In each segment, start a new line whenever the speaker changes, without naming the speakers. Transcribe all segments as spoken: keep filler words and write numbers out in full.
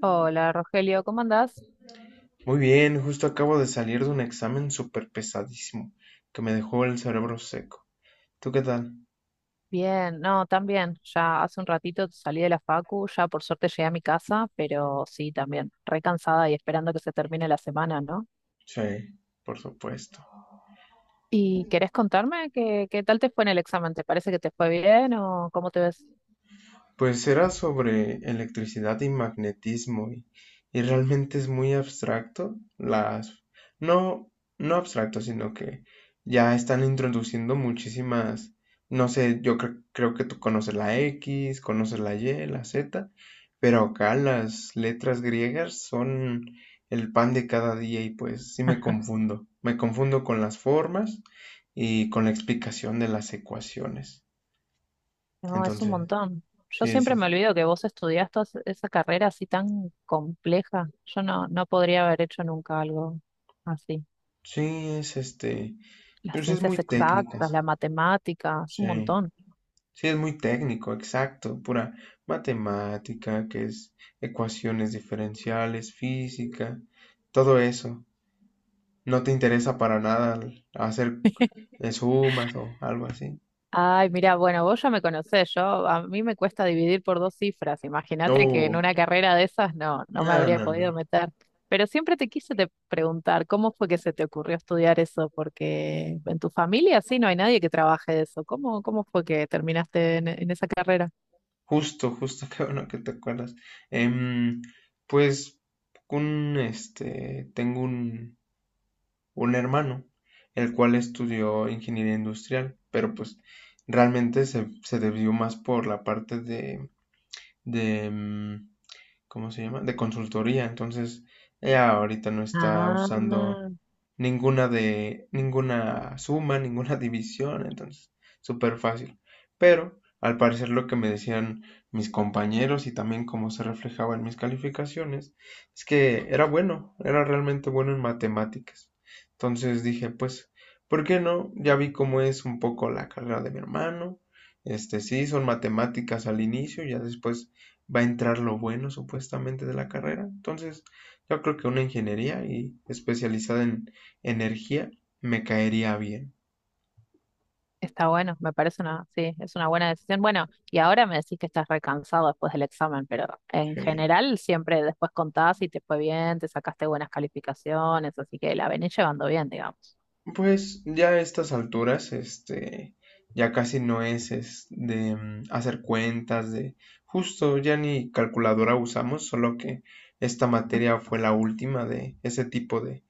Hola Rogelio, ¿cómo andás?
Muy bien, justo acabo de salir de un examen súper pesadísimo que me dejó el cerebro seco. ¿Tú qué tal?
Bien, no, también. Ya hace un ratito salí de la facu, ya por suerte llegué a mi casa, pero sí, también, re cansada y esperando que se termine la semana, ¿no?
Sí, por supuesto.
¿Y querés contarme qué, qué tal te fue en el examen? ¿Te parece que te fue bien o cómo te ves?
Pues era sobre electricidad y magnetismo y, y realmente es muy abstracto. Las, no, No abstracto, sino que ya están introduciendo muchísimas, no sé, yo cre- creo que tú conoces la X, conoces la Y, la Z, pero acá las letras griegas son el pan de cada día y pues sí me confundo. Me confundo con las formas y con la explicación de las ecuaciones.
No, es un
Entonces,
montón. Yo
sí,
siempre
sí, sí.
me olvido que vos estudiaste as- esa carrera así tan compleja. Yo no, no podría haber hecho nunca algo así.
Sí, es este,
Las
pues es muy
ciencias exactas,
técnicas,
la matemática, es un
sí,
montón.
sí es muy técnico, exacto, pura matemática, que es ecuaciones diferenciales, física, todo eso. No te interesa para nada el- hacer eh, sumas o algo así.
Ay, mira, bueno, vos ya me conocés, yo a mí me cuesta dividir por dos cifras. Imagínate que en
Oh,
una carrera de esas no, no me
no,
habría
no, no.
podido meter. Pero siempre te quise te preguntar, ¿cómo fue que se te ocurrió estudiar eso? Porque en tu familia sí no hay nadie que trabaje de eso. ¿Cómo, cómo fue que terminaste en, en esa carrera?
Justo, justo, qué bueno que te acuerdas. Em, pues un, este, tengo un un hermano, el cual estudió ingeniería industrial, pero pues realmente se, se debió más por la parte de, de, mm, ¿cómo se llama? De consultoría. Entonces, ella ahorita no está usando
Ah,
ninguna de, ninguna suma, ninguna división, entonces, súper fácil. Pero, al parecer, lo que me decían mis compañeros y también cómo se reflejaba en mis calificaciones, es que era bueno, era realmente bueno en matemáticas. Entonces dije, pues, ¿por qué no? Ya vi cómo es un poco la carrera de mi hermano. Este, sí, son matemáticas al inicio, ya después va a entrar lo bueno supuestamente de la carrera. Entonces, yo creo que una ingeniería y especializada en energía me caería bien.
está bueno, me parece una, sí, es una buena decisión. Bueno, y ahora me decís que estás recansado después del examen, pero en
Sí.
general siempre después contás si te fue bien, te sacaste buenas calificaciones, así que la venís llevando bien, digamos.
Pues ya a estas alturas, este, ya casi no es, es de mm, hacer cuentas, de justo ya ni calculadora usamos, solo que esta materia fue la última de ese tipo de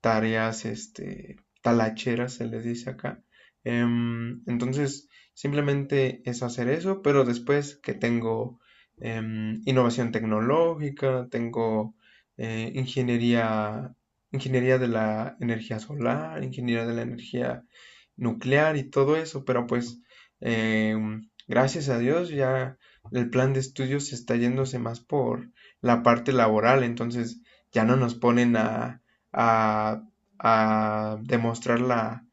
tareas, este, talacheras se les dice acá. Em, entonces, simplemente es hacer eso, pero después que tengo, em, innovación tecnológica, tengo, eh, ingeniería, ingeniería de la energía solar, ingeniería de la energía nuclear y todo eso, pero pues, em, gracias a Dios ya el plan de estudios está yéndose más por la parte laboral, entonces ya no nos ponen a a, a demostrar la,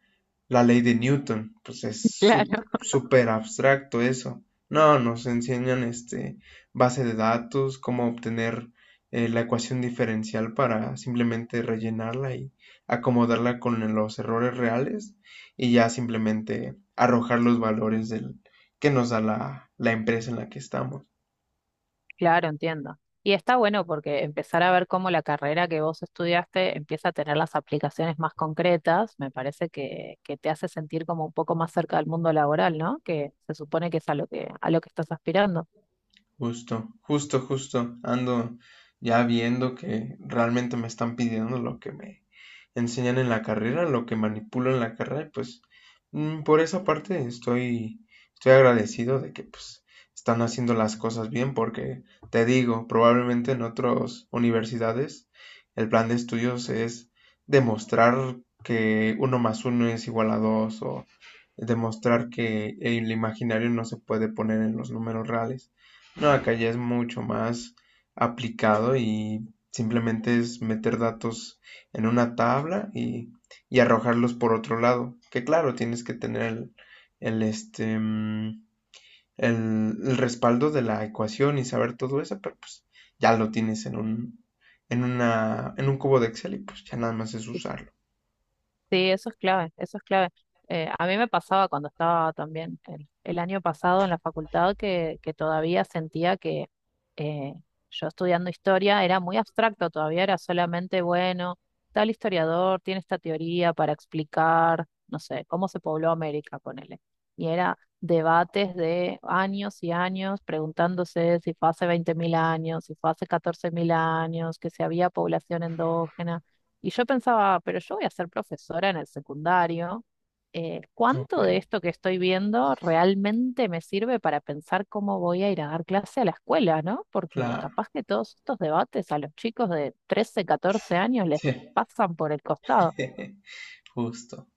la ley de Newton. Pues es sú-
Claro.
súper abstracto eso. No, nos enseñan este base de datos, cómo obtener, eh, la ecuación diferencial para simplemente rellenarla y acomodarla con los errores reales y ya simplemente arrojar los valores del, que nos da la, la empresa en la que estamos.
Claro, entiendo. Y está bueno porque empezar a ver cómo la carrera que vos estudiaste empieza a tener las aplicaciones más concretas, me parece que, que te hace sentir como un poco más cerca del mundo laboral, ¿no? Que se supone que es a lo que, a lo que estás aspirando.
Justo, justo, justo. Ando ya viendo que realmente me están pidiendo lo que me enseñan en la carrera, lo que manipulo en la carrera, y pues, mm, por esa parte estoy, estoy agradecido de que pues están haciendo las cosas bien, porque te digo, probablemente en otras universidades el plan de estudios es demostrar que uno más uno es igual a dos o demostrar que el imaginario no se puede poner en los números reales. No, acá ya es mucho más aplicado y simplemente es meter datos en una tabla y, y arrojarlos por otro lado. Que claro, tienes que tener el, el, este, mm, el, el respaldo de la ecuación y saber todo eso, pero pues ya lo tienes en un, en una, en un cubo de Excel y pues ya nada más es usarlo.
Sí, eso es clave, eso es clave. Eh, a mí me pasaba cuando estaba también el, el año pasado en la facultad que, que todavía sentía que eh, yo estudiando historia era muy abstracto, todavía era solamente, bueno, tal historiador tiene esta teoría para explicar, no sé, cómo se pobló América, ponele. Y era debates de años y años preguntándose si fue hace veinte mil años, si fue hace catorce mil años, que si había población endógena. Y yo pensaba, pero yo voy a ser profesora en el secundario. Eh,
Ok.
¿cuánto de esto que estoy viendo realmente me sirve para pensar cómo voy a ir a dar clase a la escuela, ¿no?? Porque
Claro,
capaz que todos estos debates a los chicos de trece, catorce años les
sí,
pasan por el costado.
justo,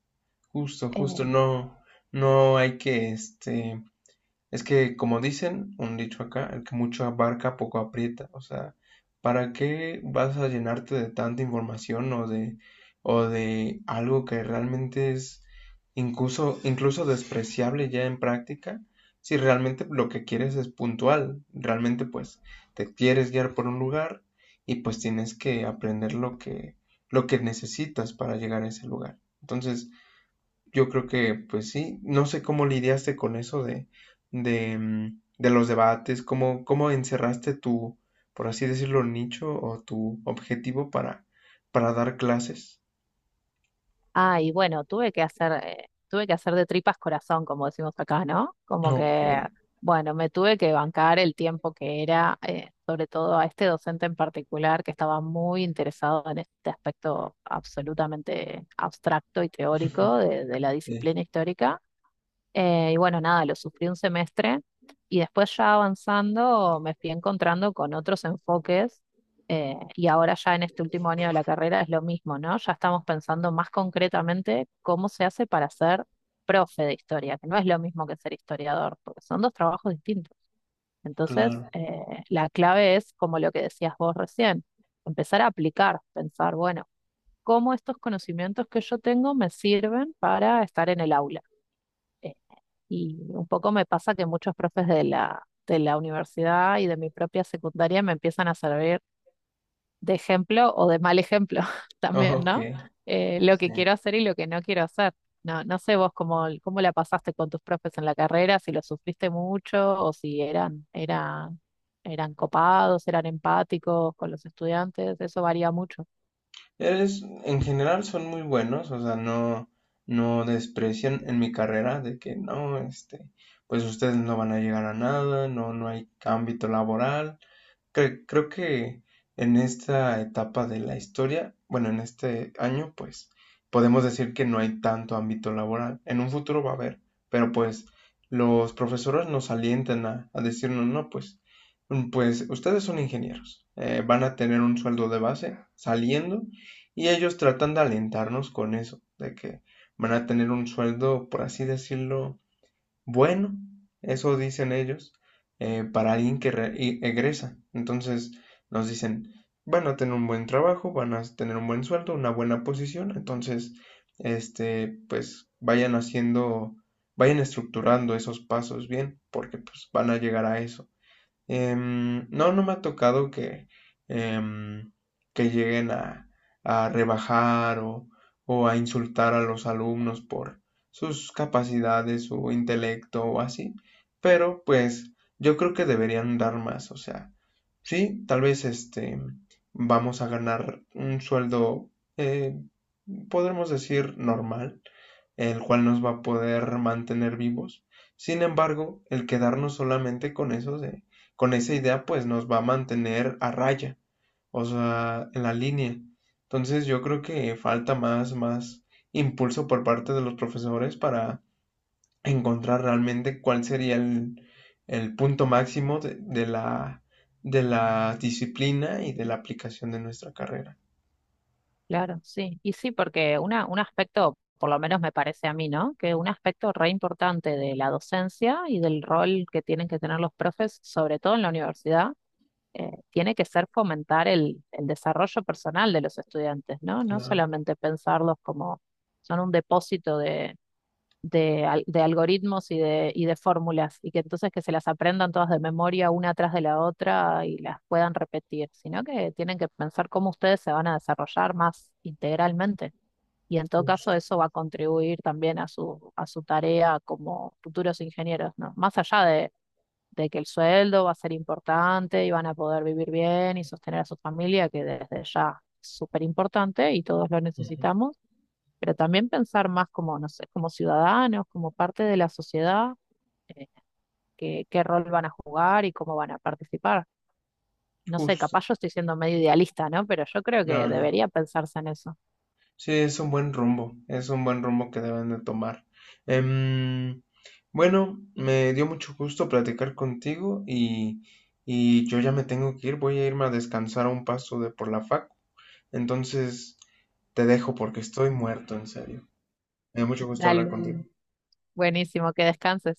justo, justo,
Eh,
no, no hay que, este, Es que, como dicen, un dicho acá, el que mucho abarca, poco aprieta. O sea, ¿para qué vas a llenarte de tanta información o de, o de algo que realmente es, incluso, incluso despreciable ya en práctica? Si realmente lo que quieres es puntual, realmente pues te quieres guiar por un lugar y pues tienes que aprender lo que, lo que necesitas para llegar a ese lugar. Entonces, yo creo que, pues sí, no sé cómo lidiaste con eso de, de, mm, de los debates, cómo, cómo encerraste tu, por así decirlo, nicho o tu objetivo para, para dar clases.
Ah, y bueno, tuve que hacer, eh, tuve que hacer de tripas corazón, como decimos acá, ¿no? Como
Ok,
que, bueno, me tuve que bancar el tiempo que era, eh, sobre todo a este docente en particular, que estaba muy interesado en este aspecto absolutamente abstracto y teórico de, de, la
sí,
disciplina histórica. Eh, y bueno, nada, lo sufrí un semestre y después ya avanzando me fui encontrando con otros enfoques eh, y ahora ya en este último año de la carrera es lo mismo, ¿no? Ya estamos pensando más concretamente cómo se hace para ser profe de historia, que no es lo mismo que ser historiador, porque son dos trabajos distintos. Entonces,
claro.
eh, la clave es, como lo que decías vos recién, empezar a aplicar, pensar, bueno, cómo estos conocimientos que yo tengo me sirven para estar en el aula. Eh, y un poco me pasa que muchos profes de la, de la universidad y de mi propia secundaria me empiezan a servir de ejemplo o de mal ejemplo también,
Ok,
¿no? Eh, lo que quiero
sí.
hacer y lo que no quiero hacer. No, no sé vos cómo, cómo la pasaste con tus profes en la carrera, si lo sufriste mucho o si eran, eran, eran copados, eran empáticos con los estudiantes, eso varía mucho.
Eres, en general son muy buenos, o sea, no, no desprecian en mi carrera de que no, este, pues ustedes no van a llegar a nada, no, no hay ámbito laboral. Cre- Creo que en esta etapa de la historia, bueno, en este año, pues podemos decir que no hay tanto ámbito laboral. En un futuro va a haber, pero pues los profesores nos alientan a, a decirnos, no, pues, mm, pues ustedes son ingenieros, eh, van a tener un sueldo de base saliendo y ellos tratan de alentarnos con eso, de que van a tener un sueldo, por así decirlo, bueno, eso dicen ellos, eh, para alguien que re- y- egresa. Entonces nos dicen, van a tener un buen trabajo, van a tener un buen sueldo, una buena posición. Entonces, este, pues vayan haciendo, vayan estructurando esos pasos bien, porque pues van a llegar a eso. Em, no, no me ha tocado que, em, que lleguen a, a rebajar o, o a insultar a los alumnos por sus capacidades, su intelecto o así, pero pues yo creo que deberían dar más, o sea, sí, tal vez este, vamos a ganar un sueldo, eh, podremos decir, normal, el cual nos va a poder mantener vivos. Sin embargo, el quedarnos solamente con eso de, con esa idea, pues nos va a mantener a raya, o sea, en la línea. Entonces yo creo que falta más, más impulso por parte de los profesores para encontrar realmente cuál sería el, el punto máximo de, de la, de la disciplina y de la aplicación de nuestra carrera.
Claro, sí. Y sí, porque una, un aspecto, por lo menos me parece a mí, ¿no? Que un aspecto re importante de la docencia y del rol que tienen que tener los profes, sobre todo en la universidad, eh, tiene que ser fomentar el, el desarrollo personal de los estudiantes, ¿no? No
Claro,
solamente pensarlos como son un depósito de, al- de algoritmos y de, y de fórmulas, y que entonces que se las aprendan todas de memoria una tras de la otra y las puedan repetir, sino que tienen que pensar cómo ustedes se van a desarrollar más integralmente. Y en todo caso
justo,
eso va a contribuir también a su, a su tarea como futuros ingenieros, ¿no? Más allá de, de que el sueldo va a ser importante y van a poder vivir bien y sostener a su familia, que desde ya es súper importante y todos lo necesitamos, pero también pensar más como, no sé, como ciudadanos, como parte de la sociedad, eh, qué, qué rol van a jugar y cómo van a participar. No sé,
justo.
capaz yo estoy siendo medio idealista, ¿no? Pero yo creo
No,
que
no.
debería pensarse en eso.
Sí, es un buen rumbo, es un buen rumbo que deben de tomar. Em, bueno, me dio mucho gusto platicar contigo y, y yo ya me tengo que ir, voy a irme a descansar a un paso de por la fac. Entonces, te dejo porque estoy muerto, en serio. Me dio mucho gusto hablar
Dale,
contigo.
buenísimo, que descanses.